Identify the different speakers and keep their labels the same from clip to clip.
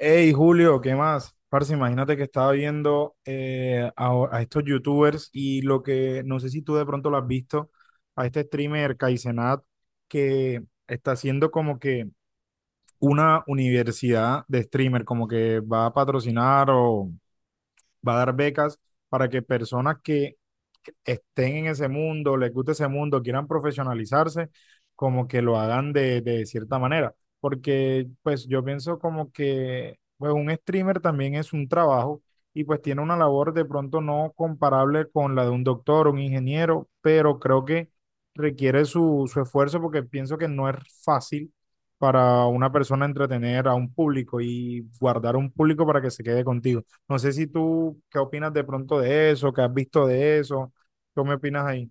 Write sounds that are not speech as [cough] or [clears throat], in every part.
Speaker 1: Hey Julio, ¿qué más? Parce, imagínate que estaba viendo a estos youtubers y lo que, no sé si tú de pronto lo has visto, a este streamer Kaizenat que está haciendo como que una universidad de streamer, como que va a patrocinar o va a dar becas para que personas que estén en ese mundo, les guste ese mundo, quieran profesionalizarse, como que lo hagan de cierta manera. Porque pues yo pienso como que pues un streamer también es un trabajo y pues tiene una labor de pronto no comparable con la de un doctor, un ingeniero, pero creo que requiere su esfuerzo porque pienso que no es fácil para una persona entretener a un público y guardar un público para que se quede contigo. No sé si tú, ¿qué opinas de pronto de eso? ¿Qué has visto de eso? ¿Qué me opinas ahí?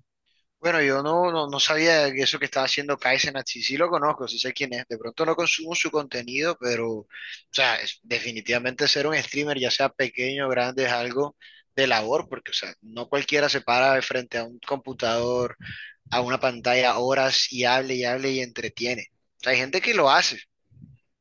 Speaker 2: Bueno, yo no, no, no sabía que eso que estaba haciendo Kaizenat, sí, sí lo conozco, sí sé quién es. De pronto no consumo su contenido, pero, o sea, definitivamente ser un streamer, ya sea pequeño o grande, es algo de labor, porque, o sea, no cualquiera se para de frente a un computador, a una pantalla, horas y hable y hable y entretiene. O sea, hay gente que lo hace,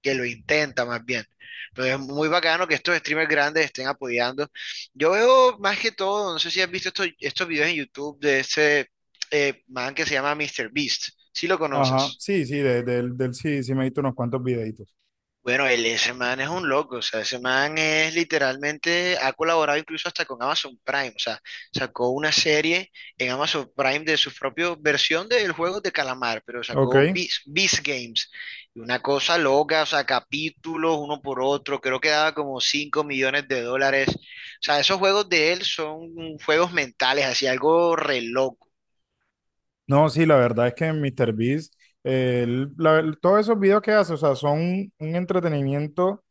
Speaker 2: que lo intenta más bien. Entonces es muy bacano que estos streamers grandes estén apoyando. Yo veo más que todo, no sé si has visto estos videos en YouTube de ese man que se llama Mister Beast. Si lo
Speaker 1: Ajá,
Speaker 2: conoces.
Speaker 1: sí, sí, del sí, sí me he visto unos cuantos videitos.
Speaker 2: Bueno, ese man es un loco, o sea, ese man es literalmente, ha colaborado incluso hasta con Amazon Prime, o sea, sacó una serie en Amazon Prime de su propia versión del juego de calamar, pero
Speaker 1: Ok.
Speaker 2: sacó Beast Games, y una cosa loca, o sea, capítulos uno por otro, creo que daba como 5 millones de dólares, o sea, esos juegos de él son juegos mentales, así algo re loco.
Speaker 1: No, sí, la verdad es que MrBeast, todos esos videos que hace, o sea, son un entretenimiento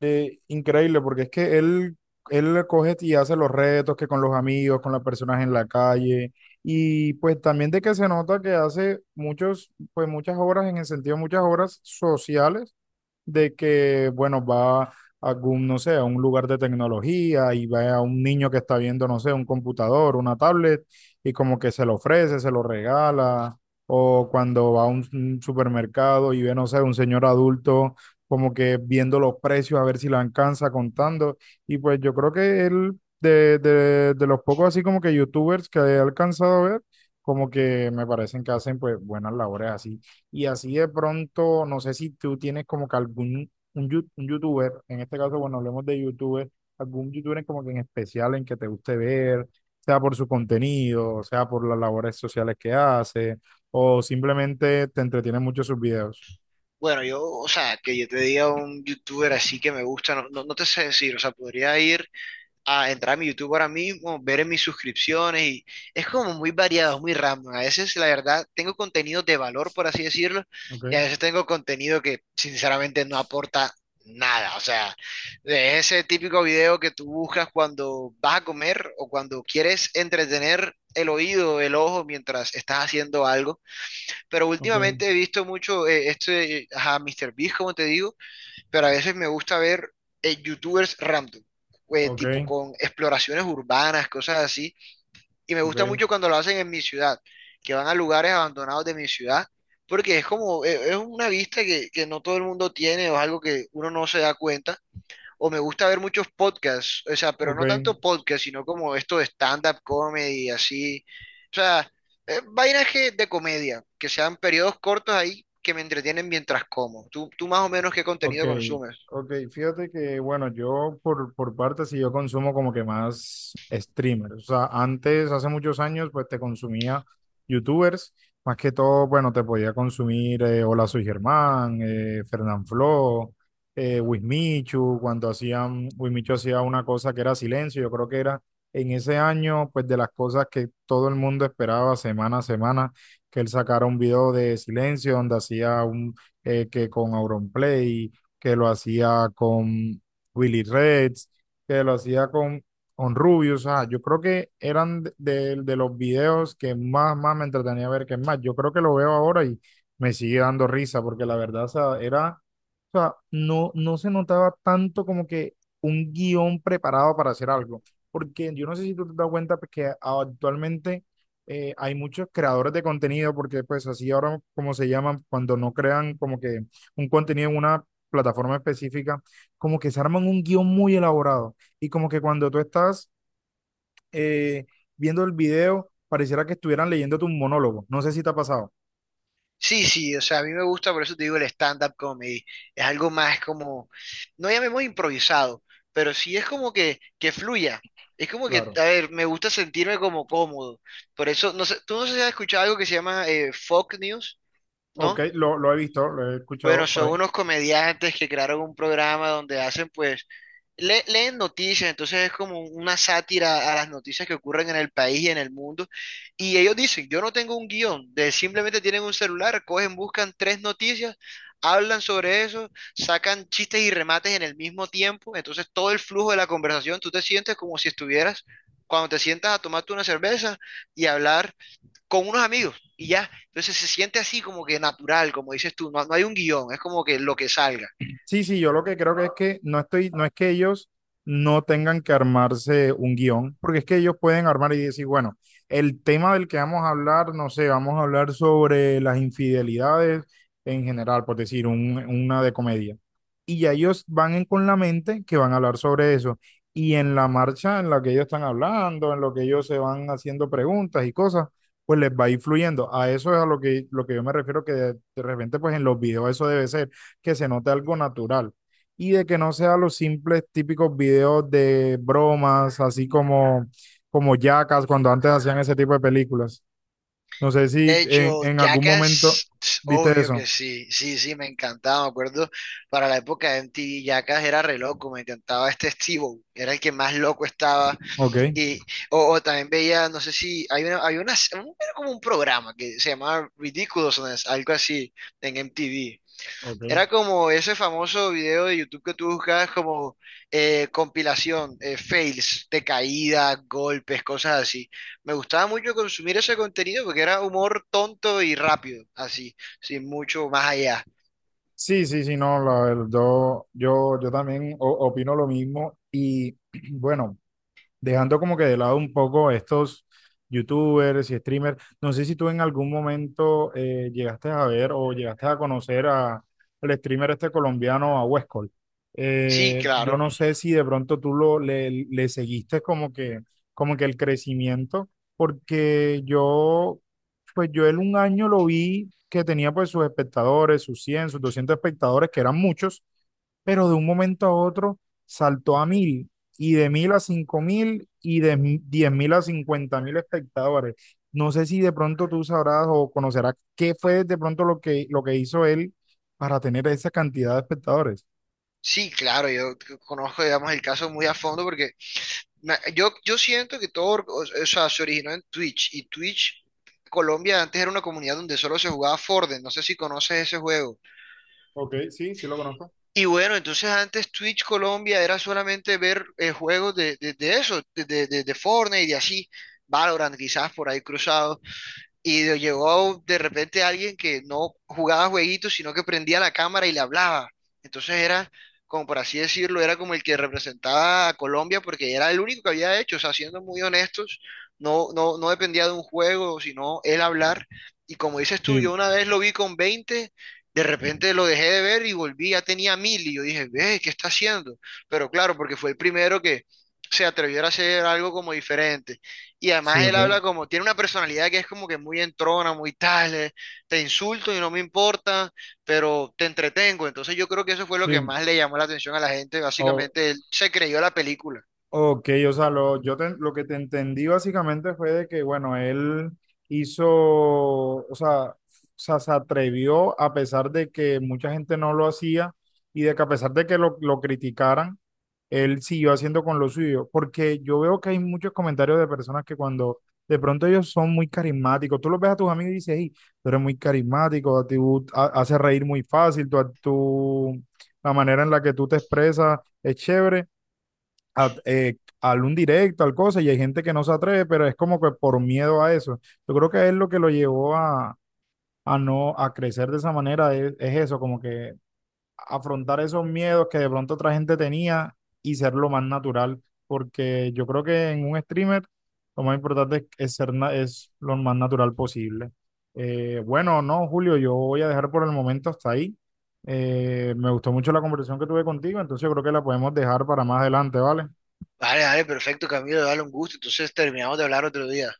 Speaker 1: increíble, porque es que él coge y hace los retos que con los amigos, con las personas en la calle, y pues también de que se nota que hace muchos, pues muchas obras, en el sentido de muchas obras sociales, de que, bueno, va a algún, no sé, a un lugar de tecnología y va a un niño que está viendo, no sé, un computador, una tablet, y como que se lo ofrece, se lo regala, o cuando va a un supermercado y ve, no sé, un señor adulto como que viendo los precios a ver si le alcanza contando, y pues yo creo que él, de los pocos así como que youtubers que he alcanzado a ver, como que me parecen que hacen pues buenas labores así y así de pronto, no sé si tú tienes como que algún un, un youtuber, en este caso, bueno, hablemos de youtuber, algún youtuber como que en especial en que te guste ver, sea por su contenido, sea por las labores sociales que hace, o simplemente te entretiene mucho sus videos.
Speaker 2: Bueno, yo, o sea, que yo te diga un youtuber así que me gusta, no, no, no te sé decir, o sea, podría ir a entrar a mi YouTube ahora mismo, ver en mis suscripciones y es como muy variado, muy random. A veces, la verdad, tengo contenido de valor, por así decirlo,
Speaker 1: Ok,
Speaker 2: y a veces tengo contenido que sinceramente no aporta nada. O sea, de ese típico video que tú buscas cuando vas a comer o cuando quieres entretener el oído, el ojo mientras estás haciendo algo. Pero
Speaker 1: ok,
Speaker 2: últimamente he visto mucho ajá, Mr. Beast, como te digo. Pero a veces me gusta ver youtubers random, tipo
Speaker 1: ok,
Speaker 2: con exploraciones urbanas, cosas así, y me gusta
Speaker 1: ok,
Speaker 2: mucho cuando lo hacen en mi ciudad, que van a lugares abandonados de mi ciudad, porque es como, es una vista que no todo el mundo tiene o es algo que uno no se da cuenta. O me gusta ver muchos podcasts, o sea, pero
Speaker 1: ok.
Speaker 2: no tanto podcasts, sino como esto de stand-up comedy, así. O sea, vainas de comedia, que sean periodos cortos ahí que me entretienen mientras como. ¿Tú, tú más o menos qué
Speaker 1: Ok,
Speaker 2: contenido consumes?
Speaker 1: ok, fíjate que bueno, yo por parte sí yo consumo como que más streamers, o sea, antes, hace muchos años, pues te consumía youtubers, más que todo, bueno, te podía consumir Hola Soy Germán, Fernanfloo, Wismichu, cuando hacían, Wismichu hacía una cosa que era silencio, yo creo que era en ese año, pues de las cosas que todo el mundo esperaba semana a semana, que él sacara un video de silencio donde hacía un, que con Auronplay que lo hacía con Willie Reds, que lo hacía con Rubius. O sea, yo creo que eran de los videos que más me entretenía ver que es más. Yo creo que lo veo ahora y me sigue dando risa porque la verdad, o sea, era, o sea, no se notaba tanto como que un guión preparado para hacer algo. Porque yo no sé si tú te das cuenta pues, que actualmente hay muchos creadores de contenido, porque pues así ahora como se llaman, cuando no crean como que un contenido en una plataforma específica, como que se arman un guión muy elaborado y como que cuando tú estás eh, viendo el video, pareciera que estuvieran leyendo tu monólogo. No sé si te ha pasado.
Speaker 2: Sí, sí, o sea, a mí me gusta, por eso te digo el stand-up comedy. Es algo más como, no llamemos improvisado, pero sí es como que fluya. Es como que,
Speaker 1: Claro.
Speaker 2: a ver, me gusta sentirme como cómodo. Por eso, no sé, tú no sé si has escuchado algo que se llama folk news,
Speaker 1: Ok,
Speaker 2: ¿no?
Speaker 1: lo he visto, lo he
Speaker 2: Bueno,
Speaker 1: escuchado por
Speaker 2: son
Speaker 1: ahí.
Speaker 2: unos comediantes que crearon un programa donde hacen, pues, leen noticias, entonces es como una sátira a las noticias que ocurren en el país y en el mundo. Y ellos dicen, yo no tengo un guión, de simplemente tienen un celular, cogen, buscan tres noticias, hablan sobre eso, sacan chistes y remates en el mismo tiempo, entonces todo el flujo de la conversación, tú te sientes como si estuvieras, cuando te sientas a tomarte una cerveza y hablar con unos amigos y ya. Entonces se siente así como que natural, como dices tú, no, no hay un guión, es como que lo que salga.
Speaker 1: Sí, sí, yo lo que creo que es que no estoy, no es que ellos no tengan que armarse un guión, porque es que ellos pueden armar y decir, bueno, el tema del que vamos a hablar, no sé, vamos a hablar sobre las infidelidades en general, por decir, una de comedia. Y ya ellos van con la mente que van a hablar sobre eso. Y en la marcha en la que ellos están hablando, en lo que ellos se van haciendo preguntas y cosas, pues les va influyendo. A eso es a lo que yo me refiero, que de repente, pues en los videos eso debe ser que se note algo natural y de que no sean los simples típicos videos de bromas, así como, como Jackass, cuando antes hacían ese tipo de películas. No sé si
Speaker 2: De
Speaker 1: en,
Speaker 2: hecho,
Speaker 1: en algún momento
Speaker 2: Jackass, tss,
Speaker 1: viste
Speaker 2: obvio
Speaker 1: eso.
Speaker 2: que sí, sí, sí, me encantaba, me acuerdo, para la época de MTV, Jackass era re loco, me encantaba este Steve, era el que más loco estaba,
Speaker 1: Ok,
Speaker 2: y, o también veía, no sé si, era como un programa que se llamaba Ridiculousness, algo así, en MTV. Era
Speaker 1: ok.
Speaker 2: como ese famoso video de YouTube que tú buscas como compilación, fails de caída, golpes, cosas así. Me gustaba mucho consumir ese contenido porque era humor tonto y rápido, así, sin mucho más allá.
Speaker 1: Sí, sí, sí, no, la verdad, yo también opino lo mismo y [clears throat] bueno. Dejando como que de lado un poco a estos youtubers y streamers. No sé si tú en algún momento llegaste a ver o llegaste a conocer a, al streamer este colombiano, a Westcol.
Speaker 2: Sí,
Speaker 1: Yo
Speaker 2: claro,
Speaker 1: no sé si de pronto tú lo, le seguiste como que el crecimiento, porque yo, pues yo él un año lo vi que tenía pues sus espectadores, sus 100 sus 200 espectadores, que eran muchos, pero de un momento a otro saltó a 1.000 y de 1.000 a 5.000 y de 10.000 a 50.000 espectadores. No sé si de pronto tú sabrás o conocerás qué fue de pronto lo que, hizo él para tener esa cantidad de espectadores.
Speaker 2: sí, claro, conozco, digamos, el caso muy a fondo porque yo siento que todo, or- o sea, se originó en Twitch y Twitch, Colombia antes era una comunidad donde solo se jugaba Fortnite, no sé si conoces ese juego.
Speaker 1: Ok, sí, sí lo conozco.
Speaker 2: Y bueno, entonces antes Twitch Colombia era solamente ver juegos de eso, de Fortnite y así, Valorant quizás por ahí cruzado, y llegó de repente alguien que no jugaba jueguitos, sino que prendía la cámara y le hablaba. Entonces era, como por así decirlo, era como el que representaba a Colombia porque era el único que había hecho. O sea, siendo muy honestos, no, no, no dependía de un juego, sino él hablar. Y como dices tú, yo
Speaker 1: Sí,
Speaker 2: una vez lo vi con 20, de repente lo dejé de ver y volví, ya tenía 1.000. Y yo dije, ve, ¿qué está haciendo? Pero claro, porque fue el primero que se atrevió a hacer algo como diferente. Y
Speaker 1: sí,
Speaker 2: además él habla
Speaker 1: ok.
Speaker 2: como, tiene una personalidad que es como que muy entrona, muy tal, te insulto y no me importa, pero te entretengo. Entonces yo creo que eso fue lo que
Speaker 1: Sí.
Speaker 2: más le llamó la atención a la gente. Básicamente él se creyó la película.
Speaker 1: Ok, o sea, lo, lo que te entendí básicamente fue de que, bueno, él hizo, o sea, se atrevió a pesar de que mucha gente no lo hacía y de que a pesar de que lo criticaran, él siguió haciendo con lo suyo. Porque yo veo que hay muchos comentarios de personas que cuando de pronto ellos son muy carismáticos, tú los ves a tus amigos y dices, hey, tú eres muy carismático, a ti haces reír muy fácil, la manera en la que tú te expresas es chévere a, al un directo, al cosa, y hay gente que no se atreve, pero es como que por miedo a eso. Yo creo que es lo que lo llevó a, no a crecer de esa manera, es eso, como que afrontar esos miedos que de pronto otra gente tenía y ser lo más natural, porque yo creo que en un streamer lo más importante es ser es lo más natural posible. Bueno, no, Julio, yo voy a dejar por el momento hasta ahí. Me gustó mucho la conversación que tuve contigo, entonces yo creo que la podemos dejar para más adelante, ¿vale?
Speaker 2: Vale, vale, perfecto, Camilo, dale un gusto. Entonces terminamos de hablar otro día.